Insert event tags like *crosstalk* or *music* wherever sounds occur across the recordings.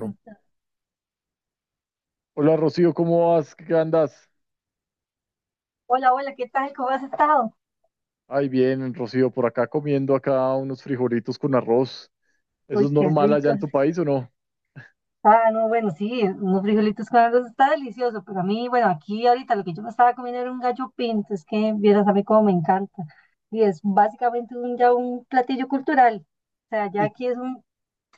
Entonces, Hola, Rocío, ¿cómo vas? ¿Qué andas? hola, hola, ¿qué tal? ¿Cómo has estado? Ay, bien, Rocío, por acá comiendo acá unos frijolitos con arroz. ¿Eso Uy, es qué normal allá en ricos. tu país o no? Ah, no, bueno, sí, unos frijolitos con arroz está delicioso, pero a mí, bueno, aquí ahorita lo que yo me estaba comiendo era un gallo pinto, es que vieras a mí cómo me encanta. Y es básicamente ya un platillo cultural. O sea, ya ¿Y, aquí es un,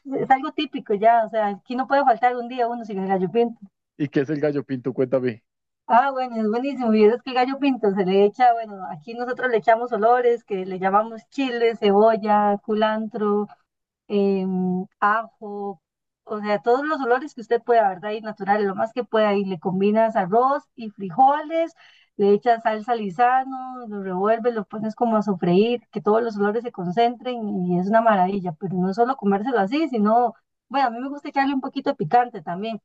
es algo típico ya, o sea, aquí no puede faltar un día uno sin el gallo pinto. y qué es el gallo pinto? Cuéntame. Ah, bueno, es buenísimo. Y es que el gallo pinto se le echa, bueno, aquí nosotros le echamos olores, que le llamamos chile, cebolla, culantro. Ajo, o sea, todos los olores que usted pueda, ¿verdad? Y naturales, lo más que pueda. Y le combinas arroz y frijoles, le echas salsa lisano, lo revuelves, lo pones como a sofreír, que todos los olores se concentren y es una maravilla. Pero no solo comérselo así, sino, bueno, a mí me gusta echarle un poquito de picante también,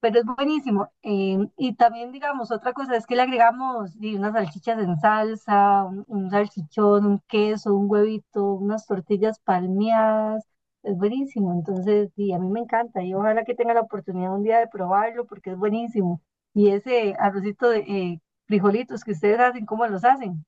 pero es buenísimo. Y también, digamos, otra cosa es que le agregamos di, unas salchichas en salsa, un salchichón, un queso, un huevito, unas tortillas palmeadas. Es buenísimo. Entonces, sí, a mí me encanta y ojalá que tenga la oportunidad un día de probarlo porque es buenísimo. Y ese arrocito de frijolitos que ustedes hacen, ¿cómo los hacen?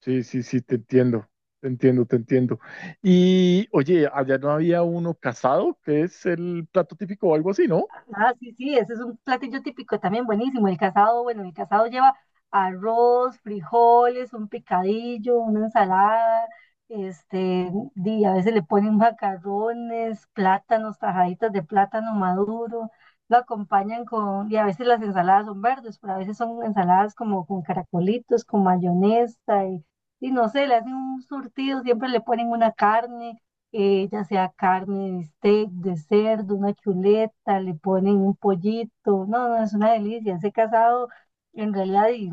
Sí, sí, sí, te entiendo, te entiendo, te entiendo. Y oye, allá no había uno casado, que es el plato típico o algo así, ¿no? Ah, sí, sí, ese es un platillo típico también buenísimo. El casado, bueno, el casado lleva arroz, frijoles, un picadillo, una ensalada, este, y a veces le ponen macarrones, plátanos, tajaditas de plátano maduro, lo acompañan con, y a veces las ensaladas son verdes, pero a veces son ensaladas como con caracolitos, con mayonesa, y no sé, le hacen un surtido, siempre le ponen una carne ya sea carne de steak, de cerdo, una chuleta, le ponen un pollito. No, no, es una delicia. Ese casado, en realidad, y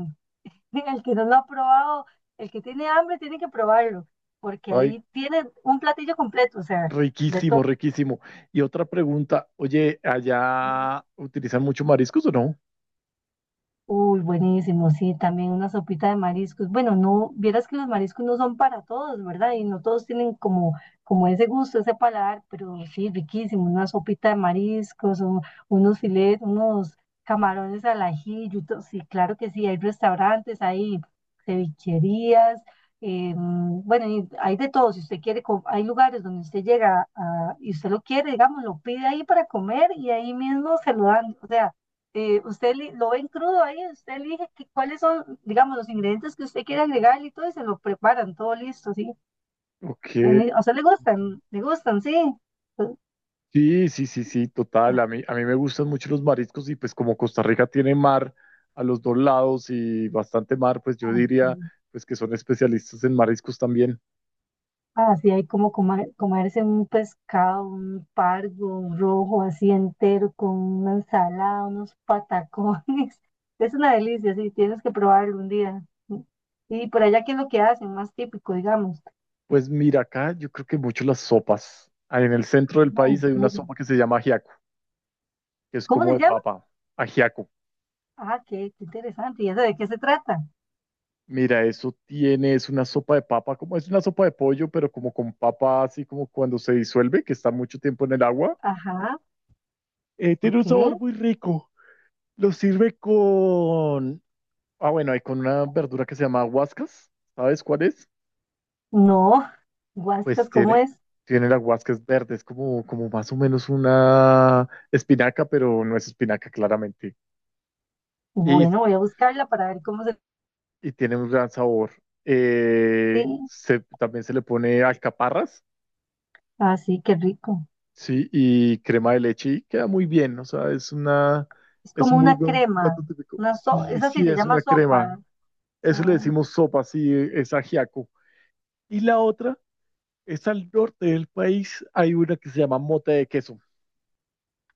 *laughs* el que no lo ha probado, el que tiene hambre tiene que probarlo, porque Ay, ahí tiene un platillo completo, o sea, de todo. riquísimo, riquísimo. Y otra pregunta, oye, ¿allá utilizan mucho mariscos o no? Uy, buenísimo, sí, también una sopita de mariscos. Bueno, no, vieras que los mariscos no son para todos, ¿verdad? Y no todos tienen como, como ese gusto, ese paladar, pero sí, riquísimo, una sopita de mariscos, o unos filetes, unos camarones al ajillo, sí, claro que sí, hay restaurantes, hay cevicherías, bueno, y hay de todo, si usted quiere, hay lugares donde usted llega y usted lo quiere, digamos, lo pide ahí para comer y ahí mismo se lo dan, o sea usted lo ven crudo ahí, usted elige cuáles son, digamos, los ingredientes que usted quiere agregar y todo, y se lo preparan, todo listo, sí. Ok. Bueno, y a usted le gustan, sí. Pues, Sí, sí, sí, sí, total. A mí me gustan mucho los mariscos y pues como Costa Rica tiene mar a los dos lados y bastante mar, pues yo ah, diría sí. pues que son especialistas en mariscos también. Ah, sí, hay como comerse un pescado, un pargo, un rojo así entero, con una ensalada, unos patacones. *laughs* Es una delicia, sí, tienes que probarlo un día. Y por allá, ¿qué es lo que hacen? Más típico, digamos. Pues mira, acá yo creo que mucho las sopas. Ah, en el centro del Ah, país en hay una serio. sopa que se llama ajiaco, que es ¿Cómo como se de llama? papa, ajiaco. Ah, qué, qué interesante. ¿Y eso de qué se trata? Mira, eso tiene, es una sopa de papa, como es una sopa de pollo, pero como con papa, así como cuando se disuelve, que está mucho tiempo en el agua. Ajá, Tiene ok. un sabor muy rico. Lo sirve con… Ah, bueno, hay con una verdura que se llama huascas. ¿Sabes cuál es? No, Pues huascas, ¿cómo tiene, es? tiene la huascas verde. Es como, como más o menos una espinaca, pero no es espinaca claramente. Y, Bueno, voy a buscarla para ver cómo se... y tiene un gran sabor. Sí, También se le pone alcaparras, así, qué rico. sí, y crema de leche y queda muy bien. Es Es como un muy una buen crema, plato típico. una so, Sí, esa sí sí, se es llama una crema. sopa. Eso le Mm. decimos sopa, sí, es ajiaco. Y la otra… Es al norte del país, hay una que se llama mote de queso,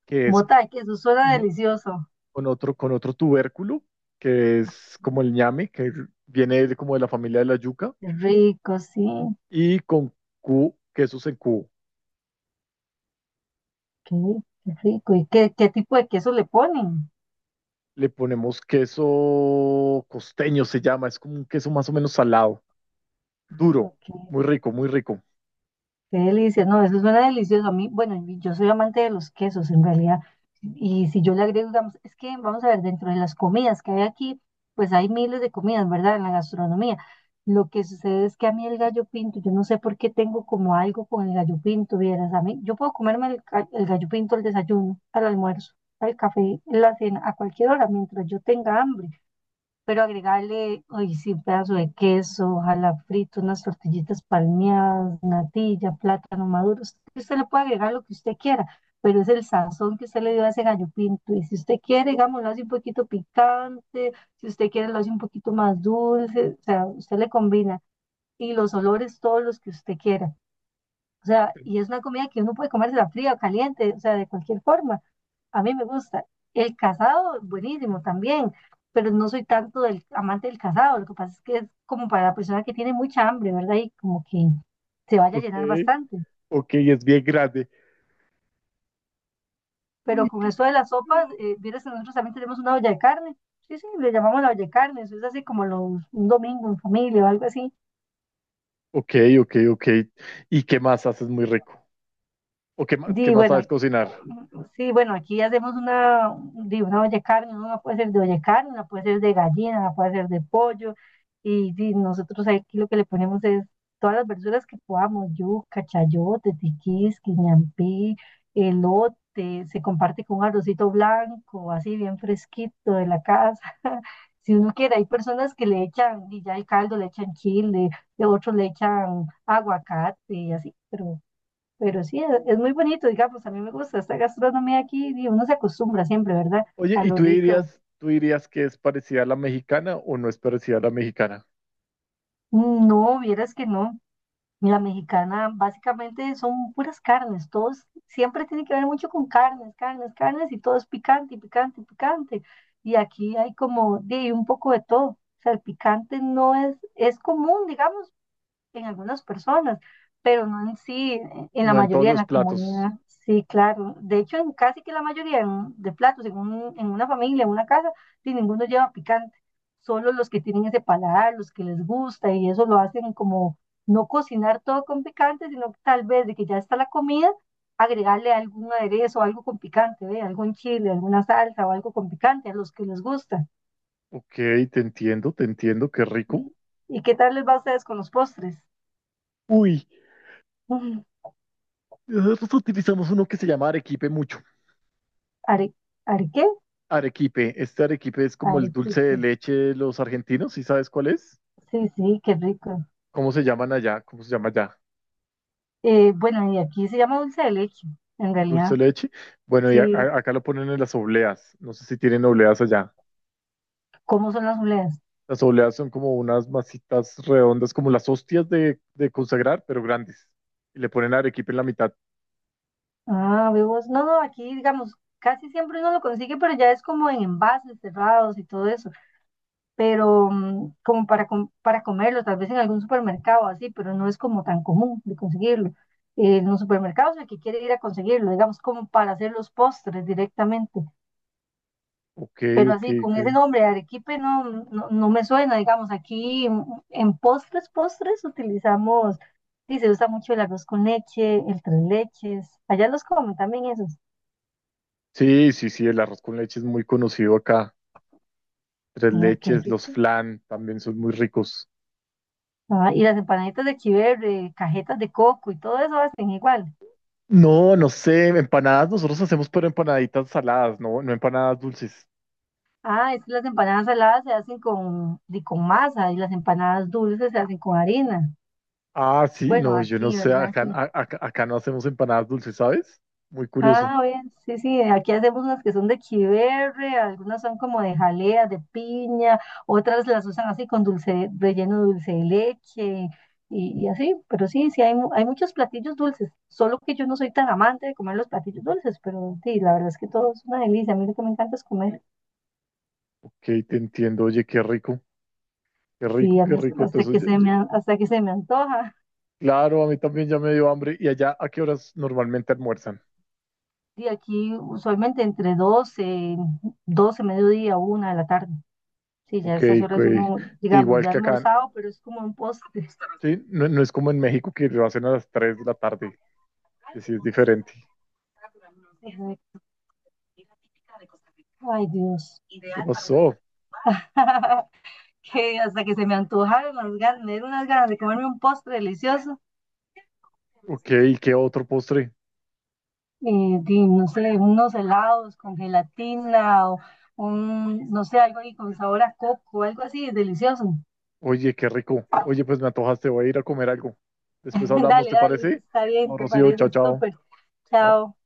que es Bota de queso, suena mo- delicioso. con otro tubérculo, que es Mm. como el ñame, que viene como de la familia de la yuca, Qué rico, sí, y con quesos en cubo. qué, qué rico. ¿Y qué, qué tipo de queso le ponen? Le ponemos queso costeño, se llama, es como un queso más o menos salado, Ah, duro, ok. muy rico, muy rico. Qué delicia, no, eso suena delicioso a mí. Bueno, y yo soy amante de los quesos en realidad. Y si yo le agrego, digamos, es que vamos a ver, dentro de las comidas que hay aquí, pues hay miles de comidas, ¿verdad? En la gastronomía. Lo que sucede es que a mí el gallo pinto, yo no sé por qué tengo como algo con el gallo pinto, vieras, a mí, yo puedo comerme el, el gallo pinto al desayuno, al almuerzo, al café, en la cena, a cualquier hora, mientras yo tenga hambre, pero agregarle, hoy sí, un pedazo de queso, ojalá frito, unas tortillitas palmeadas, natilla, plátano maduro. Usted le puede agregar lo que usted quiera, pero es el sazón que usted le dio a ese gallo pinto. Y si usted quiere, digamos, lo hace un poquito picante, si usted quiere, lo hace un poquito más dulce, o sea, usted le combina. Y los olores, todos los que usted quiera. O sea, y es una comida que uno puede comérsela fría o caliente, o sea, de cualquier forma. A mí me gusta. El casado, buenísimo también, pero no soy tanto del amante del casado. Lo que pasa es que es como para la persona que tiene mucha hambre, ¿verdad? Y como que se vaya a Ok, llenar bastante. ok, es bien grande. Pero Y con que- eso de las sopas, vieras que nosotros también tenemos una olla de carne. Sí, sí, le llamamos la olla de carne. Eso es así como los, un domingo en familia o algo así. Ok, ok, ok. ¿Y qué más haces muy rico? ¿O qué Di, más sabes bueno, cocinar? sí, bueno, aquí hacemos una, di, una olla de carne, ¿no? Una puede ser de olla de carne, una puede ser de gallina, una puede ser de pollo, y di, nosotros aquí lo que le ponemos es todas las verduras que podamos, yuca, chayote, tiquís, quinampí, elote, se comparte con un arrocito blanco, así bien fresquito de la casa. *laughs* Si uno quiere, hay personas que le echan, y ya el caldo le echan chile, y otros le echan aguacate y así, pero sí, es muy bonito, digamos, a mí me gusta esta gastronomía aquí y uno se acostumbra siempre, ¿verdad? Oye, A ¿y lo tú rico. dirías, tú dirías que es parecida a la mexicana o no es parecida a la mexicana? Mm, no, vieras que no. La mexicana básicamente son puras carnes, todos siempre tiene que ver mucho con carnes, carnes, carnes y todo es picante, y picante, y picante. Y aquí hay como de un poco de todo. O sea, el picante no es, es común, digamos, en algunas personas, pero no en sí, en la No en todos mayoría de los la platos. comunidad. Sí, claro. De hecho, en casi que la mayoría de platos, en, en una familia, en una casa, sí, ninguno lleva picante. Solo los que tienen ese paladar, los que les gusta, y eso lo hacen como no cocinar todo con picante, sino tal vez de que ya está la comida, agregarle algún aderezo, algo con picante, ¿ve? Algún chile, alguna salsa o algo con picante a los que les gusta. Ok, te entiendo, qué rico. ¿Sí? ¿Y qué tal les va a ustedes con los postres? Uy, *laughs* nosotros utilizamos uno que se llama arequipe mucho. ¿Are, are qué? Arequipe, este arequipe es como el dulce de Arequipe. leche de los argentinos, ¿sí sabes cuál es? Sí, sí, qué rico. ¿Cómo se llaman allá? ¿Cómo se llama allá? Bueno, y aquí se llama dulce de leche, en Dulce realidad. de leche. Bueno, y Sí, acá lo ponen en las obleas. No sé si tienen obleas allá. ¿cómo son las obleas? Las obleas son como unas masitas redondas, como las hostias de consagrar, pero grandes. Y le ponen arequipe en la mitad. Ah, vemos. No, no, aquí, digamos, casi siempre uno lo consigue, pero ya es como en envases cerrados y todo eso. Pero como para, para comerlo, tal vez en algún supermercado así, pero no es como tan común de conseguirlo. En los supermercados el que quiere ir a conseguirlo, digamos, como para hacer los postres directamente. Ok, Pero ok, así, con ok. ese nombre, arequipe, no, no, no me suena, digamos, aquí en postres, postres utilizamos, sí, se usa mucho el arroz con leche, el tres leches, allá los comen también esos, Sí, sí, sí, el arroz con leche es muy conocido acá. Tres ay, qué leches, los rico. flan también son muy ricos. Ah, y las empanaditas de chiverre, cajetas de coco y todo eso hacen igual. No, no sé, empanadas nosotros hacemos, pero empanaditas saladas, no, no empanadas dulces. Ah, es que las empanadas saladas se hacen con, con masa y las empanadas dulces se hacen con harina. Ah, sí, Bueno, no, yo no aquí, sé, ¿verdad? acá, Sí. Acá no hacemos empanadas dulces, ¿sabes? Muy curioso. Ah, bien, sí, sí, aquí hacemos unas que son de chiverre, algunas son como de jalea, de piña, otras las usan así con dulce, relleno de dulce de leche y así, pero sí, sí, hay, hay muchos platillos dulces, solo que yo no soy tan amante de comer los platillos dulces, pero sí, la verdad es que todo es una delicia, a mí lo que me encanta es comer, Ok, te entiendo, oye, qué rico, qué sí, rico, a qué mí hasta, rico. hasta Todo que eso… se me, hasta que se me antoja, Claro, a mí también ya me dio hambre. ¿Y allá a qué horas normalmente almuerzan? y aquí usualmente entre 12, 12, mediodía, una de la tarde. Sí, ya a Ok, estas ok. horas uno, digamos, Igual ya ha que acá. almorzado, pero es como un postre. Sí, no, no es como en México que lo hacen a las 3 de la tarde, que sí es diferente. Exacto, ay, Dios. ¿Qué pasó? *laughs* Que hasta que se me antojaron las ganas, me dieron unas ganas de comerme un postre delicioso. Ok, ¿y qué otro postre? Y, di, no sé, unos helados con gelatina o un, no sé, algo ahí con sabor a coco, algo así, delicioso. Oye, qué rico. Oye, pues me antojaste, voy a ir a comer algo. Después *laughs* hablamos, Dale, ¿te dale, parece? está bien, Chao, te Rocío, parece, chao, chao. súper. Chao. Chao.